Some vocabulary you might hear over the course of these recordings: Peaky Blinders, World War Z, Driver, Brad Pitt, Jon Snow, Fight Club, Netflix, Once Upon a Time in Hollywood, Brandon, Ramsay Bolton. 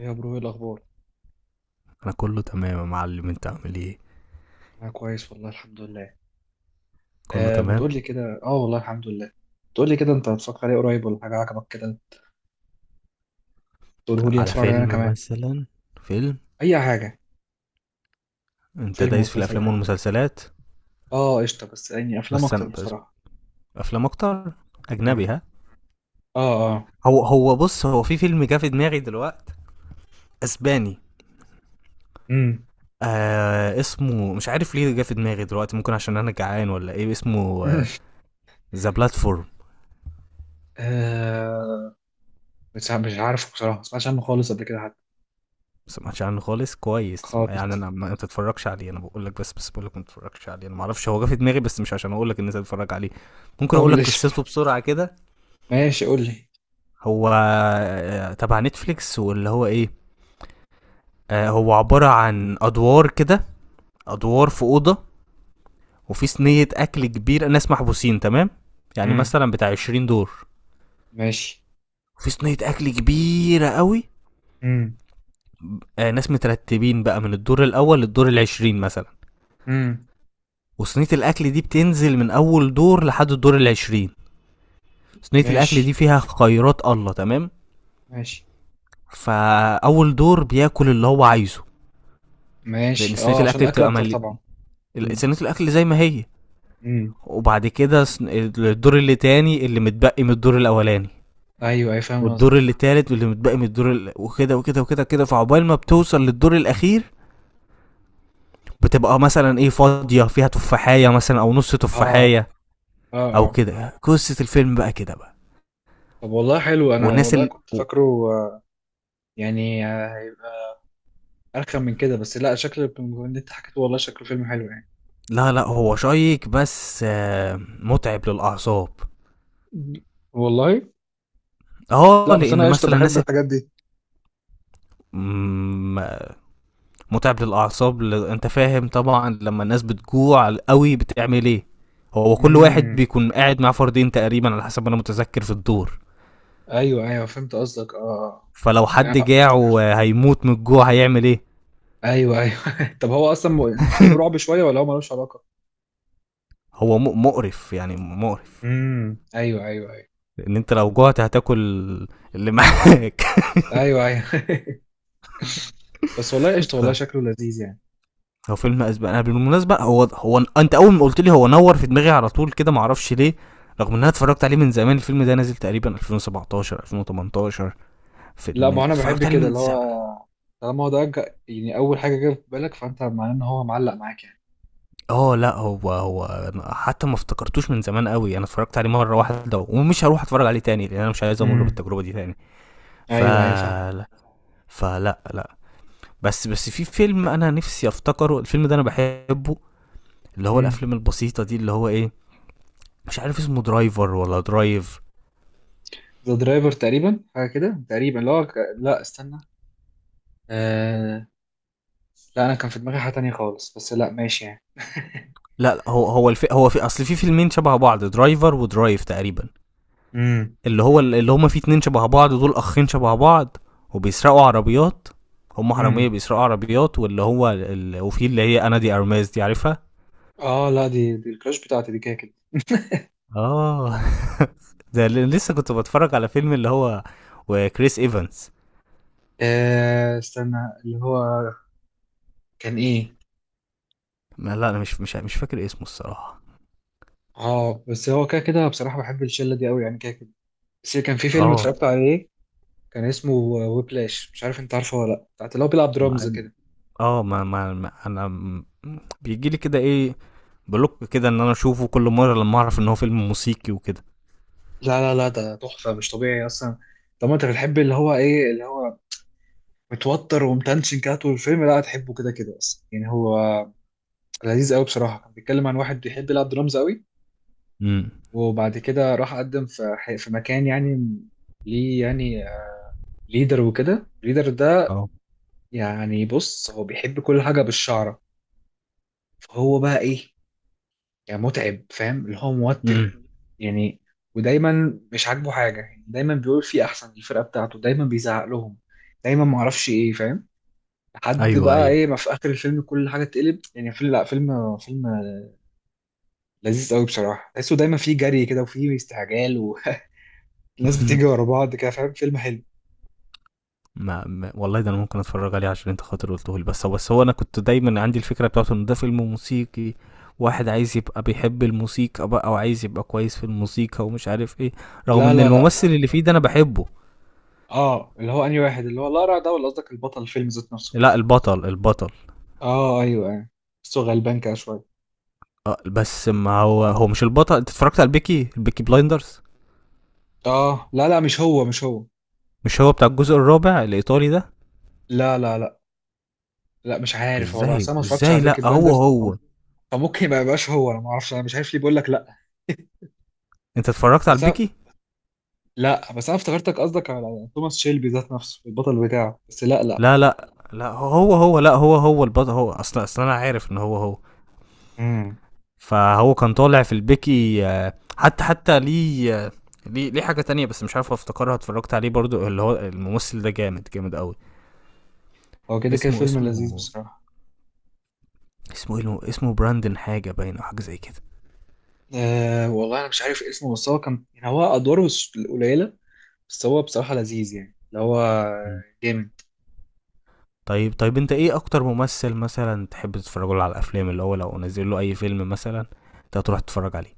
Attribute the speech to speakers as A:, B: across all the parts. A: يا برو، ايه الاخبار؟
B: انا كله تمام يا معلم، انت عامل ايه؟
A: انا كويس والله الحمد لله.
B: كله
A: آه، ما
B: تمام.
A: تقول لي كده. اه، والله الحمد لله. تقول لي كده، انت هتفكر عليه قريب ولا حاجه عجبك كده؟ تقوله لي
B: على
A: اتفرج عليه انا
B: فيلم
A: كمان.
B: مثلا؟ فيلم.
A: اي حاجه.
B: انت
A: فيلم
B: دايس في
A: ومسلسل
B: الافلام
A: اي.
B: والمسلسلات؟
A: اه، قشطه، بس يعني افلام
B: بس انا
A: اكتر
B: بس
A: بصراحه.
B: افلام اكتر. اجنبي،
A: امم.
B: ها؟
A: اه. اه.
B: هو هو بص، هو في فيلم جه في دماغي دلوقتي. اسباني.
A: امم.
B: اسمه، مش عارف ليه جه في دماغي دلوقتي، ممكن عشان انا جعان، ولا ايه اسمه؟ ذا بلاتفورم.
A: آه، مش عارف مش عارف بصراحه، ما سمعتش عنه خالص قبل كده حتى.
B: سمعتش عنه خالص، كويس،
A: خالص.
B: يعني انا ما بتتفرجش عليه، انا بقول لك. بس بقول لك ما تتفرجش عليه، انا ما اعرفش، هو جه في دماغي بس مش عشان اقول لك ان انت تتفرج عليه. ممكن
A: طب
B: اقول لك
A: ليش؟
B: قصته بسرعه كده.
A: ماشي، قول لي.
B: هو، تبع نتفليكس، واللي هو ايه. هو عبارة عن ادوار كده. ادوار في اوضة، وفي صينية اكل كبيرة، ناس محبوسين، تمام. يعني
A: امم.
B: مثلا بتاع 20 دور.
A: ماشي.
B: وفي صينية اكل كبيرة قوي.
A: امم.
B: ناس مترتبين بقى من الدور الاول للدور العشرين مثلا.
A: امم.
B: وصينية الاكل دي بتنزل من اول دور لحد الدور العشرين. صينية الاكل
A: ماشي.
B: دي فيها خيرات الله، تمام.
A: ماشي.
B: فاول دور بياكل اللي هو عايزه، لان
A: ماشي.
B: صينية
A: اه، عشان
B: الاكل
A: الاكل
B: بتبقى
A: اكتر
B: ملي.
A: طبعا. امم.
B: صينية الاكل زي ما هي.
A: امم.
B: وبعد كده الدور اللي تاني، اللي متبقي من الدور الاولاني.
A: ايوه اي، فاهم قصدك.
B: والدور اللي تالت، واللي متبقي من الدور وكده وكده وكده كده، فعقبال ما بتوصل للدور الاخير. بتبقى مثلا، ايه، فاضيه فيها تفاحيه مثلا او نص
A: اه.
B: تفاحيه.
A: اه.
B: او
A: اه.
B: كده، قصه الفيلم بقى كده بقى.
A: طب والله حلو، انا
B: والناس
A: والله
B: ال...
A: كنت
B: و-
A: فاكره آه، يعني هيبقى ارخم من كده. بس لا، شكل اللي انت حكيته والله شكله فيلم حلو يعني.
B: لا، لا، هو شيق بس متعب للاعصاب.
A: والله لا،
B: اه،
A: بس
B: لان
A: انا قشطه
B: مثلا
A: بحب
B: الناس.
A: الحاجات دي.
B: مم، متعب للاعصاب، انت فاهم طبعا لما الناس بتجوع قوي بتعمل ايه. هو كل واحد
A: امم.
B: بيكون قاعد مع فردين تقريبا على حسب ما انا متذكر في الدور.
A: ايوه ايوه، فهمت قصدك. اه.
B: فلو
A: آه.
B: حد
A: آه.
B: جاع وهيموت من الجوع، هيعمل ايه؟
A: ايوه ايوه. طب هو اصلا الفيلم رعب شويه ولا هو ملوش علاقه؟
B: هو مقرف، يعني مقرف.
A: امم. ايوه ايوه ايوه.
B: لان انت لو جوعت هتاكل اللي معاك.
A: ايوه ايوه. بس والله قشطه،
B: ف
A: والله شكله لذيذ يعني.
B: هو فيلم اسبق انا بالمناسبه، هو انت اول ما قلت لي هو نور في دماغي على طول كده، معرفش ليه. رغم ان انا اتفرجت عليه من زمان. الفيلم ده نازل تقريبا 2017 2018.
A: لا، ما انا بحب
B: اتفرجت عليه
A: كده
B: من
A: اللي هو.
B: زمان.
A: طالما هو ده يعني اول حاجه جت في بالك، فانت معناه ان هو معلق معاك يعني.
B: اه، لا، هو. حتى ما افتكرتوش من زمان قوي، انا اتفرجت عليه مره واحده ومش هروح اتفرج عليه تاني، لان انا مش عايز امر
A: امم.
B: بالتجربه دي تاني. ف
A: ايوه ايوه فاهم.
B: فلا، لا. بس في فيلم انا نفسي افتكره، الفيلم ده انا بحبه. اللي هو
A: امم.
B: الافلام البسيطه دي، اللي هو ايه. مش عارف اسمه، درايفر ولا درايف؟
A: ذا درايفر تقريبا، حاجه كده تقريبا. لا لا استنى. آه... لا، انا كان في دماغي حاجه تانية خالص، بس لا ماشي يعني.
B: لا، لا، هو هو في اصل في فيلمين شبه بعض، درايفر ودرايف تقريبا.
A: امم.
B: اللي هو، اللي هما فيه اتنين شبه بعض، دول اخين شبه بعض. وبيسرقوا عربيات. هما حراميه
A: امم.
B: بيسرقوا عربيات، واللي هو وفي اللي هي، انا دي ارماز دي عارفها.
A: اه لا، دي الكراش بتاعتي دي كده كده.
B: اه. ده لسه كنت بتفرج على فيلم اللي هو. وكريس ايفنز.
A: استنى، اللي هو، كان ايه؟
B: ما، لا، انا مش فاكر اسمه الصراحه.
A: اه، بس هو كده كده بصراحه بحب الشله دي قوي يعني كده كده. بس كان في فيلم
B: اه.
A: اتفرجت عليه، كان اسمه ويبلاش، مش عارف انت عارفه ولا لا، بتاعت اللي هو بيلعب درامز
B: مع-
A: كده.
B: اه. بيجي لي كده ايه، بلوك كده، ان انا اشوفه كل مره لما اعرف ان هو فيلم موسيقي وكده.
A: لا لا لا، ده تحفه مش طبيعي اصلا. طب ما انت بتحب اللي هو ايه، اللي هو متوتر ومتنشن كده طول الفيلم. لا هتحبه كده كده اصلا يعني. هو لذيذ قوي بصراحه. كان بيتكلم عن واحد بيحب يلعب درامز قوي،
B: امم.
A: وبعد كده راح قدم في في مكان يعني، ليه يعني، ليدر. وكده الليدر ده
B: اه.
A: يعني، بص هو بيحب كل حاجه بالشعره. فهو بقى ايه، يعني متعب، فاهم اللي هو موتر
B: امم.
A: يعني. ودايما مش عاجبه حاجه، يعني دايما بيقول في احسن، الفرقه بتاعته دايما بيزعق لهم، دايما معرفش ايه، فاهم. لحد
B: ايوه،
A: بقى
B: ايوه.
A: ايه ما في اخر الفيلم كل حاجه اتقلب. يعني فيلم، لا، فيلم، فيلم لذيذ قوي بصراحه. تحسه دايما فيه جري كده وفيه استعجال والناس بتيجي ورا بعض كده، فاهم. فيلم حلو.
B: والله، ده انا ممكن اتفرج عليه عشان انت خاطر قلته لي، بس هو انا كنت دايما عندي الفكره بتاعته ان ده فيلم موسيقي، واحد عايز يبقى بيحب الموسيقى بقى وعايز يبقى كويس في الموسيقى ومش عارف ايه. رغم
A: لا
B: ان
A: لا لا.
B: الممثل اللي فيه ده انا بحبه.
A: اه، اللي هو انهي واحد، اللي هو لارا ده، ولا قصدك البطل الفيلم ذات نفسه؟
B: لا، البطل البطل.
A: اه، ايوه ايوه. بس هو غلبان كده شويه.
B: اه، بس ما هو، هو مش البطل. انت اتفرجت على البيكي بلايندرز؟
A: اه لا لا، مش هو مش هو.
B: مش هو بتاع الجزء الرابع الايطالي ده؟
A: لا لا لا. لا مش عارف والله،
B: ازاي،
A: اصل انا ما اتفرجتش
B: ازاي؟
A: على بيكي
B: لا، هو
A: بلاندرز
B: هو
A: فممكن ما يبقاش هو، انا ما اعرفش، انا مش عارف ليه بقول لك لا.
B: انت اتفرجت على
A: بس أنا-
B: البيكي؟
A: لا بس انا افتكرتك قصدك على توماس شيلبي ذات نفسه، البطل بتاعه، بس لا لا.
B: لا، لا، لا، هو. لا، هو البطل. هو اصلا، اصلا انا عارف ان هو هو.
A: امم.
B: فهو كان طالع في البيكي، حتى ليه، ليه حاجه تانية بس مش عارف افتكرها، اتفرجت عليه برضو، اللي هو الممثل ده جامد جامد قوي.
A: هو كده كده
B: اسمه
A: فيلم
B: اسمه
A: لذيذ بصراحة.
B: اسمه براندن حاجه باين، او حاجه زي كده.
A: أه والله أنا مش عارف اسمه، بس هو كان يعني هو أدواره مش قليلة. بس هو بصراحة لذيذ يعني اللي هو جامد.
B: طيب، طيب، انت ايه اكتر ممثل مثلا تحب تتفرج له على الافلام، اللي هو لو نزل له اي فيلم مثلا انت هتروح تتفرج عليه؟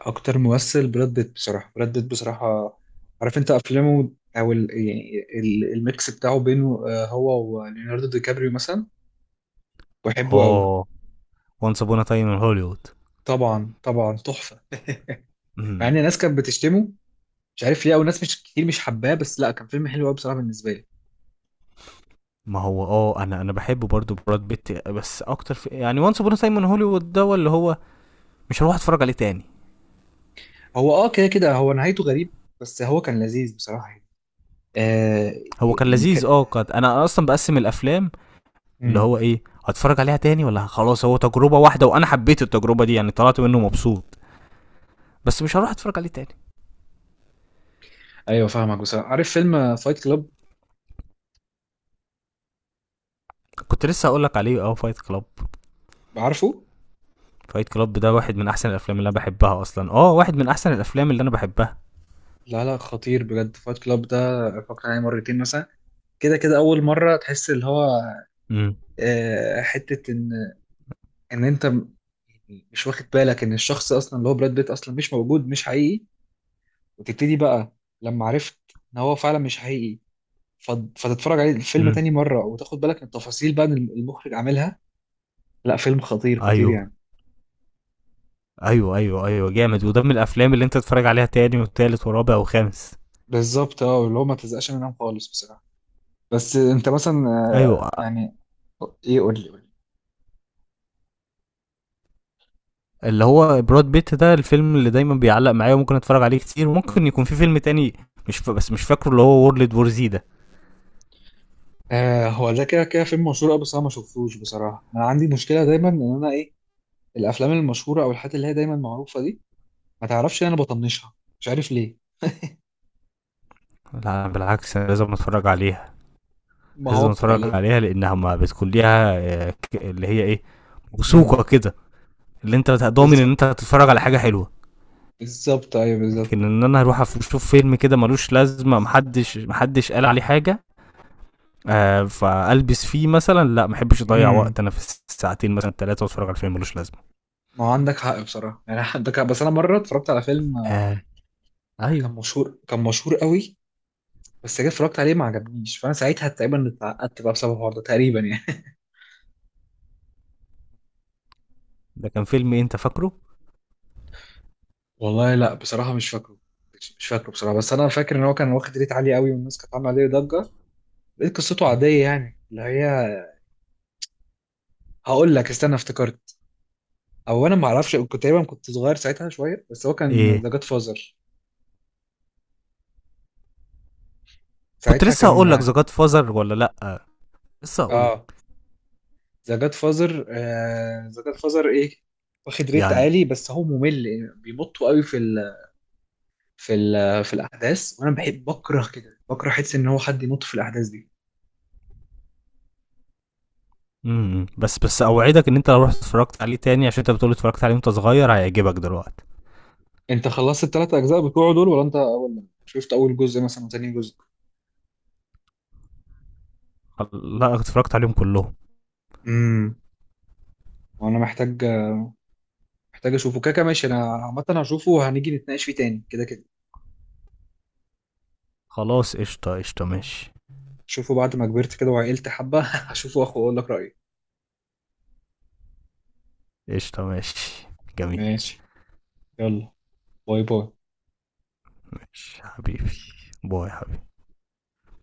A: أكتر ممثل براد بيت بصراحة، براد بيت بصراحة. عارف أنت أفلامه، أو ال... يعني ال- الميكس بتاعه بينه هو وليوناردو دي كابريو مثلا. بحبه أوي.
B: اه. وانس ابونا تايم ان هوليوود.
A: طبعا طبعا تحفة. مع
B: مم.
A: إن الناس كانت بتشتمه، مش عارف ليه، او ناس مش كتير مش حباه، بس لا كان فيلم حلو قوي بصراحه بالنسبه لي.
B: ما هو اه، انا بحب برضو براد بيت، بس اكتر في يعني وانس ابونا تايم ان هوليوود ده، اللي هو مش هروح اتفرج عليه تاني.
A: هو اه كده كده هو نهايته غريب، بس هو كان لذيذ بصراحه يعني. آه
B: هو كان
A: يعني
B: لذيذ، اه، قد انا اصلا بقسم الافلام، اللي
A: مم.
B: هو ايه، هتفرج عليها تاني ولا خلاص هو تجربه واحده وانا حبيت التجربه دي، يعني طلعت منه مبسوط، بس مش هروح اتفرج عليه تاني.
A: ايوه فاهمك بصراحه. عارف فيلم فايت كلاب؟
B: كنت لسه هقول لك عليه، اه، فايت كلاب.
A: عارفه.
B: فايت كلاب ده واحد من احسن الافلام اللي انا بحبها اصلا، اه، واحد من احسن الافلام اللي انا بحبها.
A: لا لا، خطير بجد فايت كلاب ده. اتفرجت عليه مرتين مثلا، كده كده. اول مره تحس اللي هو،
B: امم.
A: آه، حته ان، ان انت م- مش واخد بالك ان الشخص اصلا اللي هو براد بيت اصلا مش موجود، مش حقيقي، وتبتدي بقى لما عرفت ان هو فعلا مش حقيقي، فتتفرج عليه الفيلم
B: امم.
A: تاني مرة وتاخد بالك من التفاصيل بقى اللي المخرج عاملها. لا، فيلم خطير خطير
B: ايوه،
A: يعني.
B: ايوه. ايوه، ايوه. جامد، وده من الافلام اللي انت تتفرج عليها تاني وتالت ورابع وخامس.
A: بالظبط، اه اللي هو ما تزقش منهم خالص بصراحة. بس انت مثلا
B: ايوه.
A: يعني، ايه، قول لي قول لي.
B: اللي هو براد بيت ده الفيلم اللي دايما بيعلق معايا وممكن اتفرج عليه كتير، وممكن يكون في فيلم تاني مش ف... بس مش فاكره، اللي هو وورلد وور زي ده.
A: آه، هو ده كده كده فيلم مشهور قوي، بس انا ما شفتوش بصراحة. انا عندي مشكلة دايما ان انا ايه، الافلام المشهورة او الحاجات اللي هي دايما معروفة دي، ما تعرفش إن انا بطنشها. مش عارف ليه.
B: لا، بالعكس، أنا لازم اتفرج عليها.
A: ما هو
B: لازم
A: بتبقى
B: اتفرج
A: لازم.
B: عليها لانها ما بتكون ليها، اللي هي ايه،
A: امم.
B: وثوقه كده، اللي انت ضامن ان
A: بالظبط.
B: انت هتتفرج على حاجه حلوه.
A: بالظبط ايوه بالظبط.
B: لكن ان انا اروح اشوف فيلم كده ملوش لازمه، محدش قال عليه حاجه. فالبس فيه مثلا، لا، ما احبش اضيع
A: امم.
B: وقت انا في الساعتين مثلا ثلاثه، واتفرج على فيلم ملوش لازمه.
A: ما هو عندك حق بصراحة يعني. عندك حق، بس انا مرة اتفرجت على فيلم
B: آه. ايوه.
A: كان مشهور قوي. بس جيت اتفرجت عليه ما عجبنيش، فانا ساعتها تقريبا اتعقدت بقى بسبب الحوار ده تقريبا يعني.
B: ده كان فيلم إيه، انت فاكره؟
A: والله لا بصراحه مش فاكره. مش فاكره بصراحه، بس انا فاكر ان هو كان واخد ريت عالي قوي والناس كانت عامله عليه ضجه. لقيت قصته عاديه يعني اللي هي. هقول لك، استنى، افتكرت. او انا ما اعرفش، كنت تقريبا، كنت صغير ساعتها شويه، بس هو كان
B: ايه؟
A: ذا جاد فازر.
B: كنت
A: ساعتها
B: لسه هقول لك
A: كان
B: ذا جاد فازر، ولا لا؟ لسه هقول
A: اه
B: لك.
A: ذا جاد فازر. ذا جاد فازر ايه. واخد ريت
B: يعني.
A: عالي بس هو ممل يعني، بيمطوا قوي في في الاحداث، وانا بحب بكره كده، بكره حس ان هو حد ينط في الاحداث دي.
B: امم. بس اوعدك ان انت لو رحت اتفرجت عليه تاني، عشان انت بتقول اتفرجت عليه وانت صغير، هيعجبك دلوقتي.
A: انت خلصت الثلاث اجزاء بتوعه دول ولا انت اول شفت اول جزء مثلا وتاني جزء؟
B: لا، اتفرجت عليهم كلهم.
A: امم. وانا محتاج، محتاج اشوفه، كاكا، ماشي. انا عامه هشوفه وهنيجي نتناقش فيه تاني كده كده.
B: خلاص، قشطه، قشطه، ماشي.
A: شوفه بعد ما كبرت كده وعقلت حبه. هشوفه، واخد اقول لك رايي.
B: قشطه، ماشي. جميل.
A: ماشي. يلا. باي باي.
B: ماشي حبيبي. باي حبيبي.